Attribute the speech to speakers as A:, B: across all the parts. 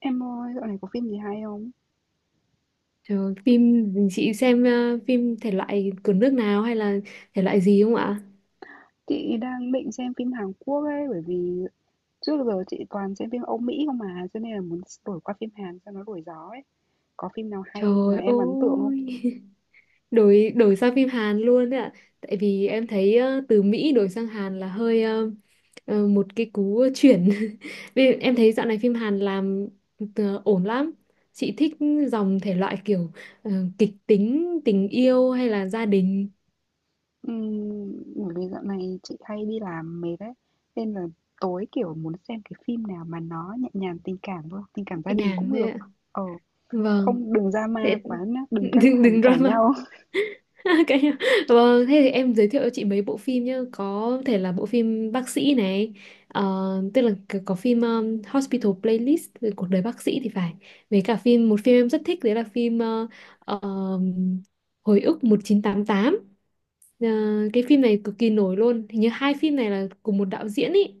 A: Em ơi, dạo này có phim gì hay không?
B: Trời ơi, phim chị xem phim thể loại của nước nào hay là thể loại gì không ạ?
A: Chị đang định xem phim Hàn Quốc ấy, bởi vì trước giờ chị toàn xem phim Âu Mỹ không mà, cho nên là muốn đổi qua phim Hàn cho nó đổi gió ấy. Có phim nào hay mà
B: Trời
A: em ấn tượng không?
B: ơi, đổi đổi sang phim Hàn luôn đấy ạ. Tại vì em thấy từ Mỹ đổi sang Hàn là hơi một cái cú chuyển. Vì em thấy dạo này phim Hàn làm ổn lắm. Chị thích dòng thể loại kiểu ờ, kịch tính, tình yêu hay là gia đình
A: Bởi vì dạo này chị hay đi làm mệt ấy, nên là tối kiểu muốn xem cái phim nào mà nó nhẹ nhàng tình cảm thôi, tình cảm gia
B: nhẹ
A: đình
B: nhàng
A: cũng
B: thế
A: được.
B: ạ.
A: Ờ,
B: Vâng.
A: không đừng drama
B: Thế
A: quá nhá, đừng căng
B: đừng
A: thẳng
B: đừng
A: cãi
B: drama.
A: nhau.
B: Cái vâng, thế thì em giới thiệu cho chị mấy bộ phim nhá, có thể là bộ phim bác sĩ này, ờ, tức là có phim Hospital Playlist về cuộc đời bác sĩ thì phải. Với cả một phim em rất thích đấy là phim ờ, Hồi ức 1988. Ờ, cái phim này cực kỳ nổi luôn. Hình như hai phim này là cùng một đạo diễn ý.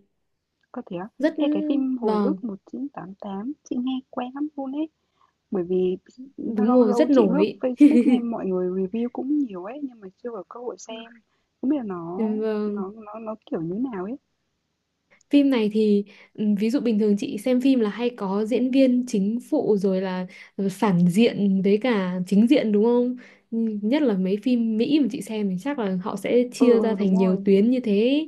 A: Có thể á?
B: Rất
A: Ê, cái phim Hồi
B: vâng,
A: ức 1988, chị nghe quen lắm luôn ấy. Bởi vì
B: đúng
A: lâu
B: rồi,
A: lâu
B: rất
A: chị lướt
B: nổi.
A: Facebook nghe mọi người review cũng nhiều ấy, nhưng mà chưa có cơ hội xem, không biết là nó
B: Vâng.
A: nó nó nó kiểu như nào ấy.
B: Phim này thì ví dụ bình thường chị xem phim là hay có diễn viên chính phụ rồi là phản diện với cả chính diện đúng không? Ừ, nhất là mấy phim Mỹ mà chị xem thì chắc là họ sẽ
A: Ừ,
B: chia ra
A: ừ,
B: thành
A: đúng
B: nhiều
A: rồi.
B: tuyến như thế.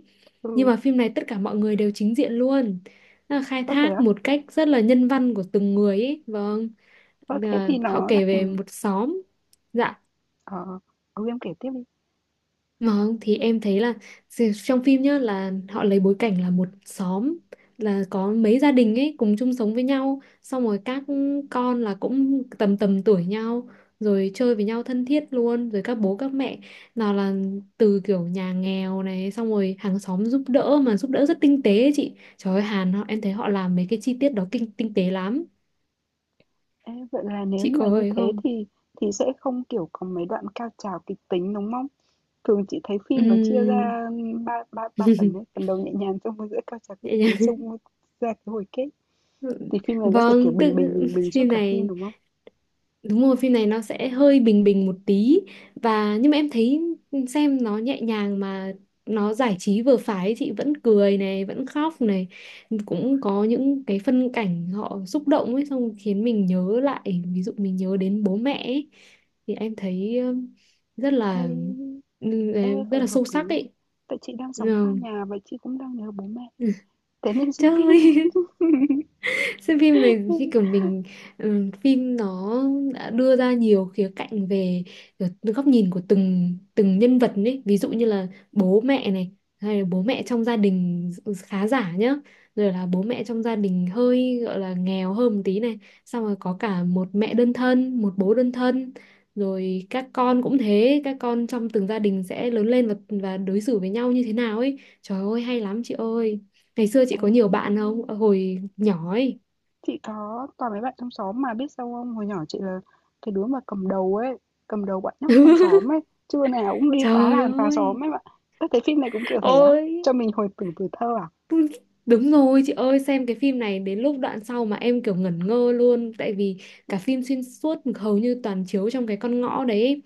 B: Nhưng
A: Ừ,
B: mà phim này tất cả mọi người đều chính diện luôn. Nó là khai
A: có thể
B: thác
A: á.
B: một cách rất là nhân văn của từng người ấy. Vâng,
A: Có thế
B: là
A: thì
B: họ
A: nó lại
B: kể về một xóm. Dạ,
A: ờ, em kể tiếp đi.
B: mà không thì em thấy là trong phim nhá là họ lấy bối cảnh là một xóm, là có mấy gia đình ấy cùng chung sống với nhau, xong rồi các con là cũng tầm tầm tuổi nhau rồi chơi với nhau thân thiết luôn, rồi các bố các mẹ nào là từ kiểu nhà nghèo này, xong rồi hàng xóm giúp đỡ mà giúp đỡ rất tinh tế ấy chị. Trời ơi, Hàn họ em thấy họ làm mấy cái chi tiết đó kinh tinh tế lắm.
A: Ê, vậy là nếu
B: Chị
A: như
B: có
A: mà như
B: ấy
A: thế
B: không?
A: thì sẽ không kiểu có mấy đoạn cao trào kịch tính đúng không? Thường chị thấy phim nó chia
B: Ừm.
A: ra ba ba ba phần ấy, phần đầu nhẹ nhàng xong rồi giữa cao trào kịch
B: Vậy
A: tính
B: nha.
A: xong rồi ra cái hồi kết. Thì phim này nó sẽ kiểu
B: Vâng,
A: bình bình
B: tự
A: bình bình suốt
B: phim
A: cả phim
B: này
A: đúng không?
B: đúng rồi, phim này nó sẽ hơi bình bình một tí và nhưng mà em thấy xem nó nhẹ nhàng mà nó giải trí vừa phải, chị vẫn cười này, vẫn khóc này, cũng có những cái phân cảnh họ xúc động ấy xong khiến mình nhớ lại, ví dụ mình nhớ đến bố mẹ ấy, thì em thấy rất
A: Ê,
B: là ừ, ờ,
A: ê,
B: rất
A: vậy
B: là
A: hợp
B: sâu sắc
A: lý á.
B: ấy.
A: Tại chị đang
B: Ờ.
A: sống xa nhà và chị cũng đang nhớ bố mẹ.
B: Ừ.
A: Thế nên xem
B: Trời
A: phim này.
B: ơi, xem phim này như kiểu mình phim nó đã đưa ra nhiều khía cạnh về kiểu góc nhìn của từng từng nhân vật ấy, ví dụ như là bố mẹ này, hay là bố mẹ trong gia đình khá giả nhá, rồi là bố mẹ trong gia đình hơi gọi là nghèo hơn một tí này, xong rồi có cả một mẹ đơn thân một bố đơn thân, rồi các con cũng thế, các con trong từng gia đình sẽ lớn lên và đối xử với nhau như thế nào ấy. Trời ơi hay lắm chị ơi. Ngày xưa chị
A: Ê,
B: có nhiều bạn không? Ờ, hồi nhỏ ấy.
A: chị có toàn mấy bạn trong xóm mà biết sao không? Hồi nhỏ chị là cái đứa mà cầm đầu ấy, cầm đầu bọn nhóc trong xóm ấy. Trưa nào cũng đi phá
B: Trời
A: làng phá
B: ơi,
A: xóm ấy bạn. Ơ, cái phim này cũng kiểu thế á?
B: ôi,
A: Cho mình hồi tưởng tuổi thơ à?
B: đúng rồi chị ơi, xem cái phim này đến lúc đoạn sau mà em kiểu ngẩn ngơ luôn, tại vì cả phim xuyên suốt hầu như toàn chiếu trong cái con ngõ đấy ấy.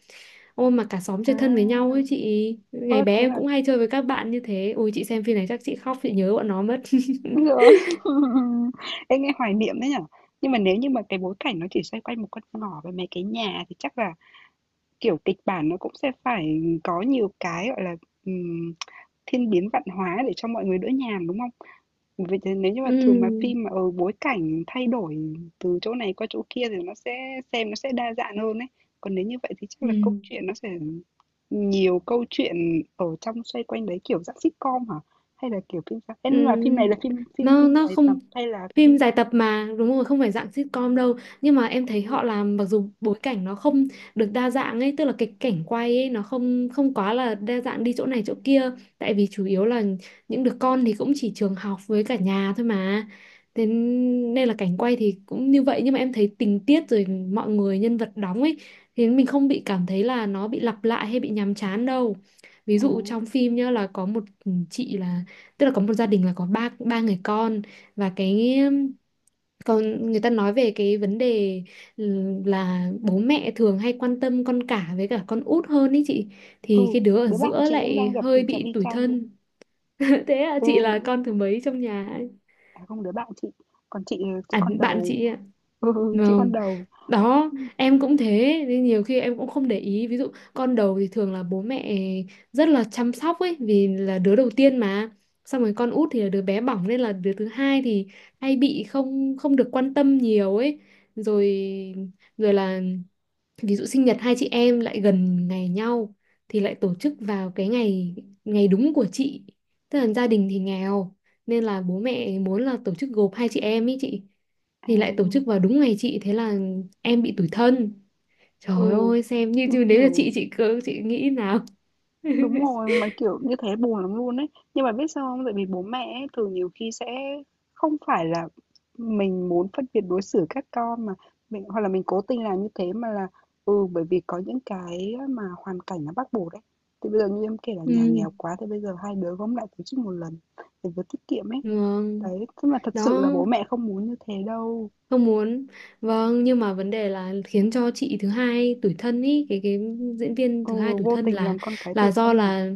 B: Ôi mà cả xóm
A: À,
B: chơi thân với nhau ấy chị, ngày
A: ơ
B: bé
A: thế
B: em
A: là
B: cũng hay chơi với các bạn như thế. Ôi chị xem phim này chắc chị khóc, chị nhớ bọn nó mất.
A: rồi. Em nghe hoài niệm đấy nhở? Nhưng mà nếu như mà cái bối cảnh nó chỉ xoay quanh một con ngõ với mấy cái nhà thì chắc là kiểu, kịch bản nó cũng sẽ phải có nhiều cái, gọi là, ừm, thiên biến vạn hóa để cho mọi người đỡ nhàm, đúng không? Vậy thì nếu như mà thường mà
B: Ừ.
A: phim mà, ở bối cảnh thay đổi từ chỗ này qua chỗ kia thì nó sẽ xem nó sẽ đa dạng hơn đấy. Còn nếu như vậy thì chắc là câu
B: Ừ.
A: chuyện nó sẽ nhiều câu chuyện ở trong xoay quanh đấy, kiểu dạng sitcom hả? Hay là kiểu phim sao? Ê, nhưng mà phim này
B: Ừ,
A: là phim phim
B: nó
A: phim
B: nó
A: dài tập
B: không
A: hay là
B: phim dài
A: phim?
B: tập mà đúng rồi không phải dạng sitcom đâu, nhưng mà em thấy
A: à,
B: họ làm mặc dù bối cảnh nó không được đa dạng ấy, tức là cái cảnh quay ấy nó không không quá là đa dạng đi chỗ này chỗ kia, tại vì chủ yếu là những đứa con thì cũng chỉ trường học với cả nhà thôi mà, thế nên là cảnh quay thì cũng như vậy, nhưng mà em thấy tình tiết rồi mọi người nhân vật đóng ấy thì mình không bị cảm thấy là nó bị lặp lại hay bị nhàm chán đâu. Ví
A: à,
B: dụ trong phim nhá là có một chị là, tức là có một gia đình là có ba ba người con, và cái còn người ta nói về cái vấn đề ừ, là bố mẹ thường hay quan tâm con cả với cả con út hơn ý chị,
A: ừ,
B: thì cái đứa ở
A: đứa bạn
B: giữa
A: chị cũng
B: lại
A: đang gặp
B: hơi
A: tình trạng
B: bị
A: y
B: tủi
A: chang luôn.
B: thân. Thế à?
A: Ừ.
B: Chị là con thứ mấy trong nhà?
A: À, không, đứa bạn chị, còn chị
B: À,
A: con
B: bạn
A: đầu.
B: chị ạ?
A: Ừ, chị con
B: Vâng,
A: đầu.
B: đó em cũng thế nên nhiều khi em cũng không để ý, ví dụ con đầu thì thường là bố mẹ rất là chăm sóc ấy vì là đứa đầu tiên mà, xong rồi con út thì là đứa bé bỏng, nên là đứa thứ hai thì hay bị không không được quan tâm nhiều ấy, rồi rồi là ví dụ sinh nhật hai chị em lại gần ngày nhau thì lại tổ chức vào cái ngày ngày đúng của chị, tức là gia đình thì nghèo nên là bố mẹ muốn là tổ chức gộp hai chị em ý chị,
A: À,
B: thì lại tổ chức vào đúng ngày chị, thế là em bị tủi thân. Trời
A: ừ,
B: ơi xem như chứ nếu là
A: kiểu
B: chị cứ chị nghĩ nào.
A: đúng rồi, mà, kiểu, như thế buồn lắm luôn ấy. Nhưng mà biết sao không? Tại vì bố mẹ ấy thường nhiều khi sẽ không phải là mình muốn phân biệt đối xử các con mà mình hoặc là mình cố tình làm như thế mà là bởi vì có những cái mà hoàn cảnh nó bắt buộc đấy. Thì bây giờ như em kể là nhà
B: Ừ.
A: nghèo quá thì bây giờ hai đứa gom lại tổ chức một lần để vừa tiết kiệm ấy.
B: Vâng.
A: Đấy, tức mà thật sự là
B: Đó,
A: bố mẹ không muốn như thế đâu.
B: không muốn. Vâng, nhưng mà vấn đề là khiến cho chị thứ hai tủi thân ý, cái diễn viên
A: Ừ,
B: thứ hai tủi
A: vô
B: thân
A: tình làm con cái tủi
B: là do
A: thân à?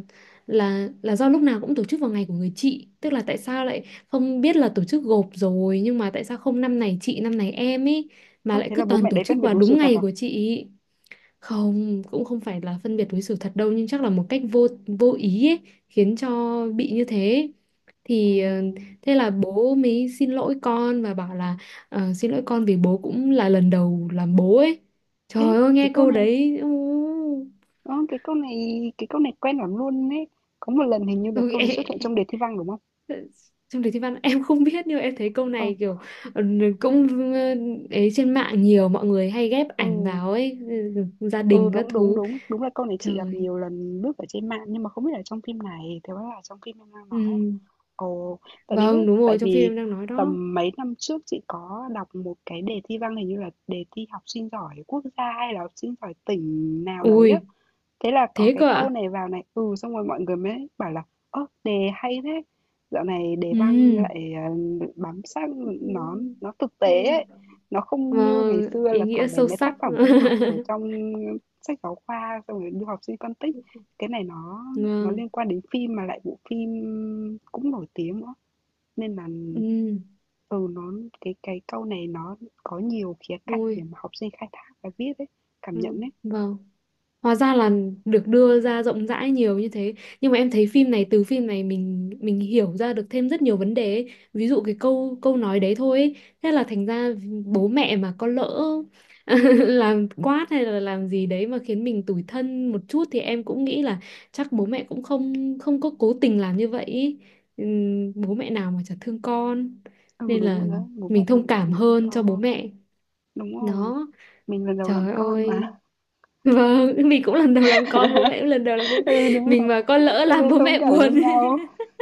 B: là do lúc nào cũng tổ chức vào ngày của người chị, tức là tại sao lại không biết là tổ chức gộp rồi, nhưng mà tại sao không năm này chị năm này em ý mà
A: Ơ,
B: lại
A: thế
B: cứ
A: là bố
B: toàn
A: mẹ
B: tổ
A: đấy
B: chức
A: phân biệt
B: vào
A: đối xử
B: đúng
A: thật
B: ngày
A: à?
B: của chị. Không, cũng không phải là phân biệt đối xử thật đâu nhưng chắc là một cách vô vô ý ấy, khiến cho bị như thế.
A: À,
B: Thì thế là bố mới xin lỗi con và bảo là xin lỗi con vì bố cũng là lần đầu làm bố ấy.
A: ê,
B: Trời ơi
A: cái
B: nghe
A: câu
B: câu
A: này,
B: đấy.
A: cái câu này, cái câu này quen lắm luôn ấy. Có một lần hình như là
B: Ôi,
A: câu
B: ê,
A: này
B: ê.
A: xuất hiện trong đề thi văn đúng không?
B: Trong đề thi văn em không biết nhưng mà em thấy câu
A: Ờ,
B: này kiểu ờ, cũng ờ, ấy, trên mạng nhiều mọi người hay ghép
A: ừ,
B: ảnh vào ấy. Ừ, gia
A: ừ,
B: đình các
A: đúng, đúng,
B: thứ.
A: đúng. Đúng là câu này chị gặp
B: Trời.
A: nhiều lần lướt ở trên mạng nhưng mà không biết là trong phim này, thế là trong phim em đang nói à?
B: Ừ.
A: Ồ, tại vì biết,
B: Vâng, đúng
A: tại
B: rồi, trong phim
A: vì
B: em đang nói đó.
A: tầm mấy năm trước chị có đọc một cái đề thi văn hình như là đề thi học sinh giỏi quốc gia hay là học sinh giỏi tỉnh nào đấy á.
B: Ui,
A: Thế là có
B: thế
A: cái
B: cơ
A: câu
B: ạ?
A: này vào này, xong rồi mọi người mới bảo là "Ơ, đề hay thế, dạo này đề
B: Ừ.
A: văn lại, bám sát nó
B: Ừ.
A: nó thực tế ấy,
B: Ừ.
A: nó không như ngày
B: Vâng,
A: xưa
B: ý
A: là
B: nghĩa
A: toàn lấy
B: sâu
A: mấy
B: sắc.
A: tác phẩm văn học ở trong sách giáo khoa xong rồi đưa học sinh phân tích. Cái này nó
B: Vâng.
A: liên quan đến phim mà lại bộ phim cũng nổi tiếng nữa." Nên là,
B: Ừ.
A: ừ, nó cái câu này nó có nhiều khía cạnh để
B: Ui.
A: mà học sinh khai thác và viết ấy, cảm nhận
B: Ừ.
A: ấy.
B: Vâng. Hóa ra là được đưa ra rộng rãi nhiều như thế. Nhưng mà em thấy phim này, từ phim này mình hiểu ra được thêm rất nhiều vấn đề ấy. Ví dụ cái câu câu nói đấy thôi ấy. Thế là thành ra bố mẹ mà có lỡ làm quát hay là làm gì đấy mà khiến mình tủi thân một chút, thì em cũng nghĩ là chắc bố mẹ cũng không không có cố tình làm như vậy ý. Bố mẹ nào mà chả thương con.
A: Ừ,
B: Nên
A: đúng rồi
B: là
A: đó bố mẹ
B: mình
A: nào
B: thông
A: mà
B: cảm
A: chẳng thương
B: hơn cho bố
A: con.
B: mẹ.
A: Đúng rồi,
B: Đó,
A: mình lần đầu làm
B: trời
A: con mà.
B: ơi. Vâng, mình cũng lần đầu làm con, bố mẹ cũng lần đầu làm bố.
A: Ừ, đúng
B: Mình
A: rồi,
B: mà con lỡ
A: thế
B: làm
A: nên
B: bố
A: thông
B: mẹ
A: cảm cho
B: buồn.
A: nhau.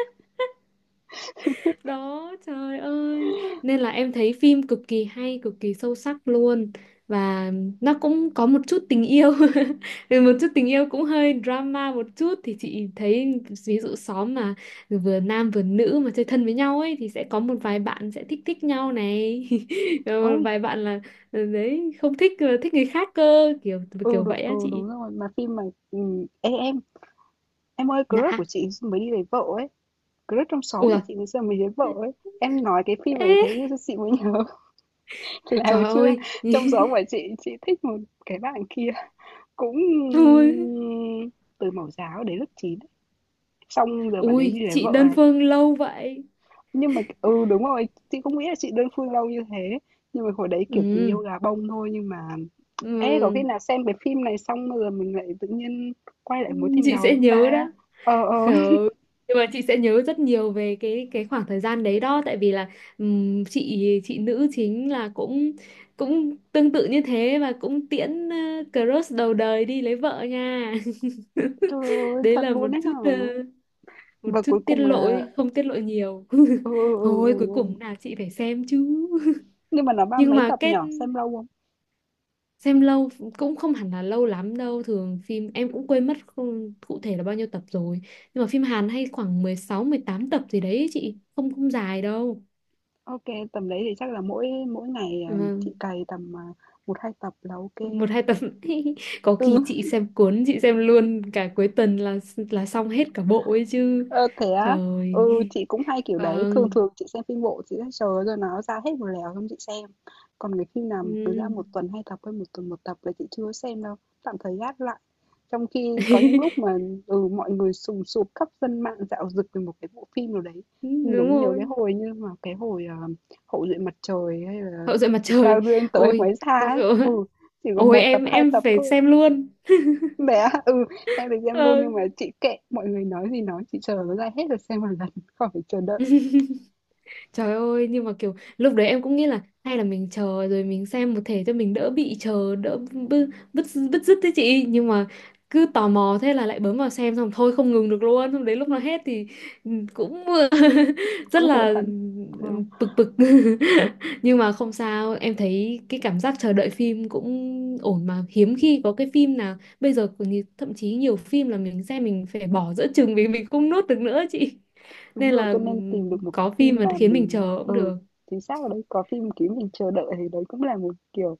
B: Đó, trời ơi. Nên là em thấy phim cực kỳ hay, cực kỳ sâu sắc luôn. Và nó cũng có một chút tình yêu. Vì một chút tình yêu cũng hơi drama một chút. Thì chị thấy ví dụ xóm mà vừa nam vừa nữ mà chơi thân với nhau ấy thì sẽ có một vài bạn sẽ thích thích nhau này. Rồi một
A: Ôi,
B: vài bạn là đấy không thích người khác cơ, kiểu
A: ừ,
B: kiểu vậy á
A: ừ,
B: chị.
A: đúng rồi, mà phim mà ê, em ơi,
B: Dạ.
A: crush của chị mới đi lấy vợ ấy, crush trong xóm của
B: Ủa,
A: chị ngày giờ mới lấy vợ ấy. Em nói cái phim ấy thế
B: ê,
A: cho chị mới nhớ là hồi
B: trời
A: xưa
B: ơi,
A: trong xóm của chị thích một cái bạn kia cũng
B: ui,
A: từ mẫu giáo đến lớp 9. Xong giờ bạn ấy
B: ui,
A: đi lấy
B: chị
A: vợ
B: đơn
A: này.
B: phương lâu vậy.
A: Nhưng mà ừ, đúng rồi, chị không nghĩ là chị đơn phương lâu như thế. Nhưng mà hồi đấy kiểu tình
B: Ừ,
A: yêu gà bông thôi nhưng mà,
B: ừ,
A: ê, có khi nào xem cái phim này xong rồi mình lại tự nhiên quay lại mối tình
B: chị
A: đầu
B: sẽ
A: chúng
B: nhớ
A: ta?
B: đó.
A: Ờ, ờ.
B: Khờ. Nhưng mà chị sẽ nhớ rất nhiều về cái khoảng thời gian đấy đó, tại vì là chị nữ chính là cũng cũng tương tự như thế và cũng tiễn crush đầu đời đi lấy vợ nha.
A: Trời ơi,
B: Đấy
A: thật
B: là một
A: luôn đấy
B: chút
A: hả? Và cuối
B: tiết
A: cùng
B: lộ
A: là...
B: ấy, không tiết lộ nhiều.
A: Ừ, ừ, ừ,
B: Thôi
A: ừ.
B: cuối
A: Ừ.
B: cùng nào chị phải xem chứ.
A: Nhưng mà nó ba
B: Nhưng
A: mấy
B: mà
A: tập nhở? Xem lâu không?
B: xem lâu cũng không hẳn là lâu lắm đâu, thường phim em cũng quên mất không, cụ thể là bao nhiêu tập rồi, nhưng mà phim Hàn hay khoảng 16 18 tập gì đấy ấy chị, không không dài đâu.
A: Ok, tầm đấy thì chắc là mỗi mỗi ngày à, chị
B: Vâng,
A: cày tầm à, một hai tập là ok.
B: một hai tập. Có khi
A: Ừ.
B: chị xem cuốn chị xem luôn cả cuối tuần là xong hết cả bộ ấy chứ.
A: Ơ, thế á?
B: Trời.
A: Ừ, chị cũng hay kiểu đấy, thường
B: Vâng.
A: thường chị xem phim bộ chị sẽ chờ rồi nó ra hết một lèo xong chị xem. Còn cái phim nào mà cứ ra một
B: Ừ.
A: tuần hai tập hay một tuần một tập là chị chưa xem đâu, tạm thời gác lại. Trong khi có những lúc mà mọi người sùng sục khắp dân mạng dạo dực về một cái bộ phim nào đấy.
B: Đúng
A: Mình giống nhớ cái
B: rồi.
A: hồi như mà cái hồi Hậu duệ mặt trời hay là
B: Hậu duệ mặt trời.
A: sao duyên tới
B: Ôi.
A: mới ra ấy. Ừ, chỉ có
B: Ôi,
A: một tập
B: em
A: hai
B: em
A: tập
B: phải
A: thôi
B: xem luôn.
A: bé á? Ừ, em được xem luôn
B: Ờ.
A: nhưng mà chị kệ, mọi người nói gì nói, chị chờ nó ra hết rồi xem một lần, khỏi phải chờ đợi,
B: Trời ơi, nhưng mà kiểu lúc đấy em cũng nghĩ là hay là mình chờ rồi mình xem một thể cho mình đỡ bị chờ, đỡ bứt bứt bứt rứt thế chị. Nhưng mà cứ tò mò thế là lại bấm vào xem, xong thôi không ngừng được luôn, xong đến lúc nó hết thì cũng rất
A: cũng muốn
B: là
A: hẳn. Ờ,
B: bực bực. Nhưng mà không sao, em thấy cái cảm giác chờ đợi phim cũng ổn mà, hiếm khi có cái phim nào bây giờ còn thậm chí nhiều phim là mình xem mình phải bỏ giữa chừng vì mình không nuốt được nữa chị,
A: đúng
B: nên
A: rồi,
B: là
A: cho nên tìm được một cái
B: có phim
A: phim
B: mà
A: mà
B: khiến mình
A: mình,
B: chờ cũng được.
A: chính xác ở đấy, có phim kiểu mình chờ đợi thì đấy cũng là một kiểu,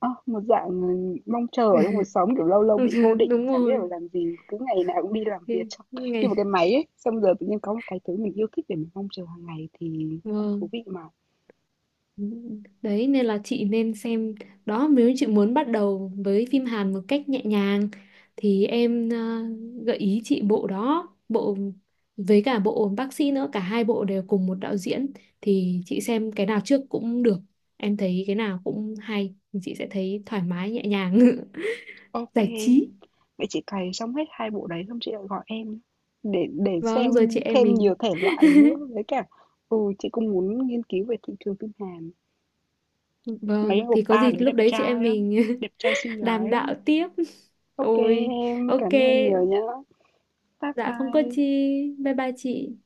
A: à, một dạng mong chờ ở trong cuộc sống, kiểu lâu lâu bị vô định,
B: Đúng
A: chả biết
B: rồi.
A: phải làm gì, cứ ngày nào cũng đi làm việc
B: Thế
A: xong. Như một
B: ngày
A: cái máy ấy, xong giờ tự nhiên có một cái thứ mình yêu thích để mình mong chờ hàng ngày thì cũng thú
B: vâng.
A: vị mà.
B: Ừ, đấy nên là chị nên xem đó, nếu chị muốn bắt đầu với phim Hàn một cách nhẹ nhàng thì em gợi ý chị bộ đó, bộ với cả bộ bác sĩ nữa, cả hai bộ đều cùng một đạo diễn, thì chị xem cái nào trước cũng được, em thấy cái nào cũng hay, thì chị sẽ thấy thoải mái nhẹ nhàng
A: Ok.
B: giải trí.
A: Vậy chị cày xong hết 2 bộ đấy xong chị lại gọi em để xem
B: Vâng, rồi chị em
A: thêm
B: mình.
A: nhiều thể loại nữa với cả chị cũng muốn nghiên cứu về thị trường phim Hàn. Mấy
B: Vâng, thì có
A: oppa
B: gì
A: đấy
B: lúc
A: đẹp
B: đấy chị em
A: trai lắm,
B: mình
A: đẹp trai xinh
B: đàm
A: gái lắm.
B: đạo tiếp.
A: Ok,
B: Ôi,
A: em
B: ok,
A: cảm ơn em nhiều nhá. Bye
B: dạ không có
A: bye.
B: chi. Bye bye chị.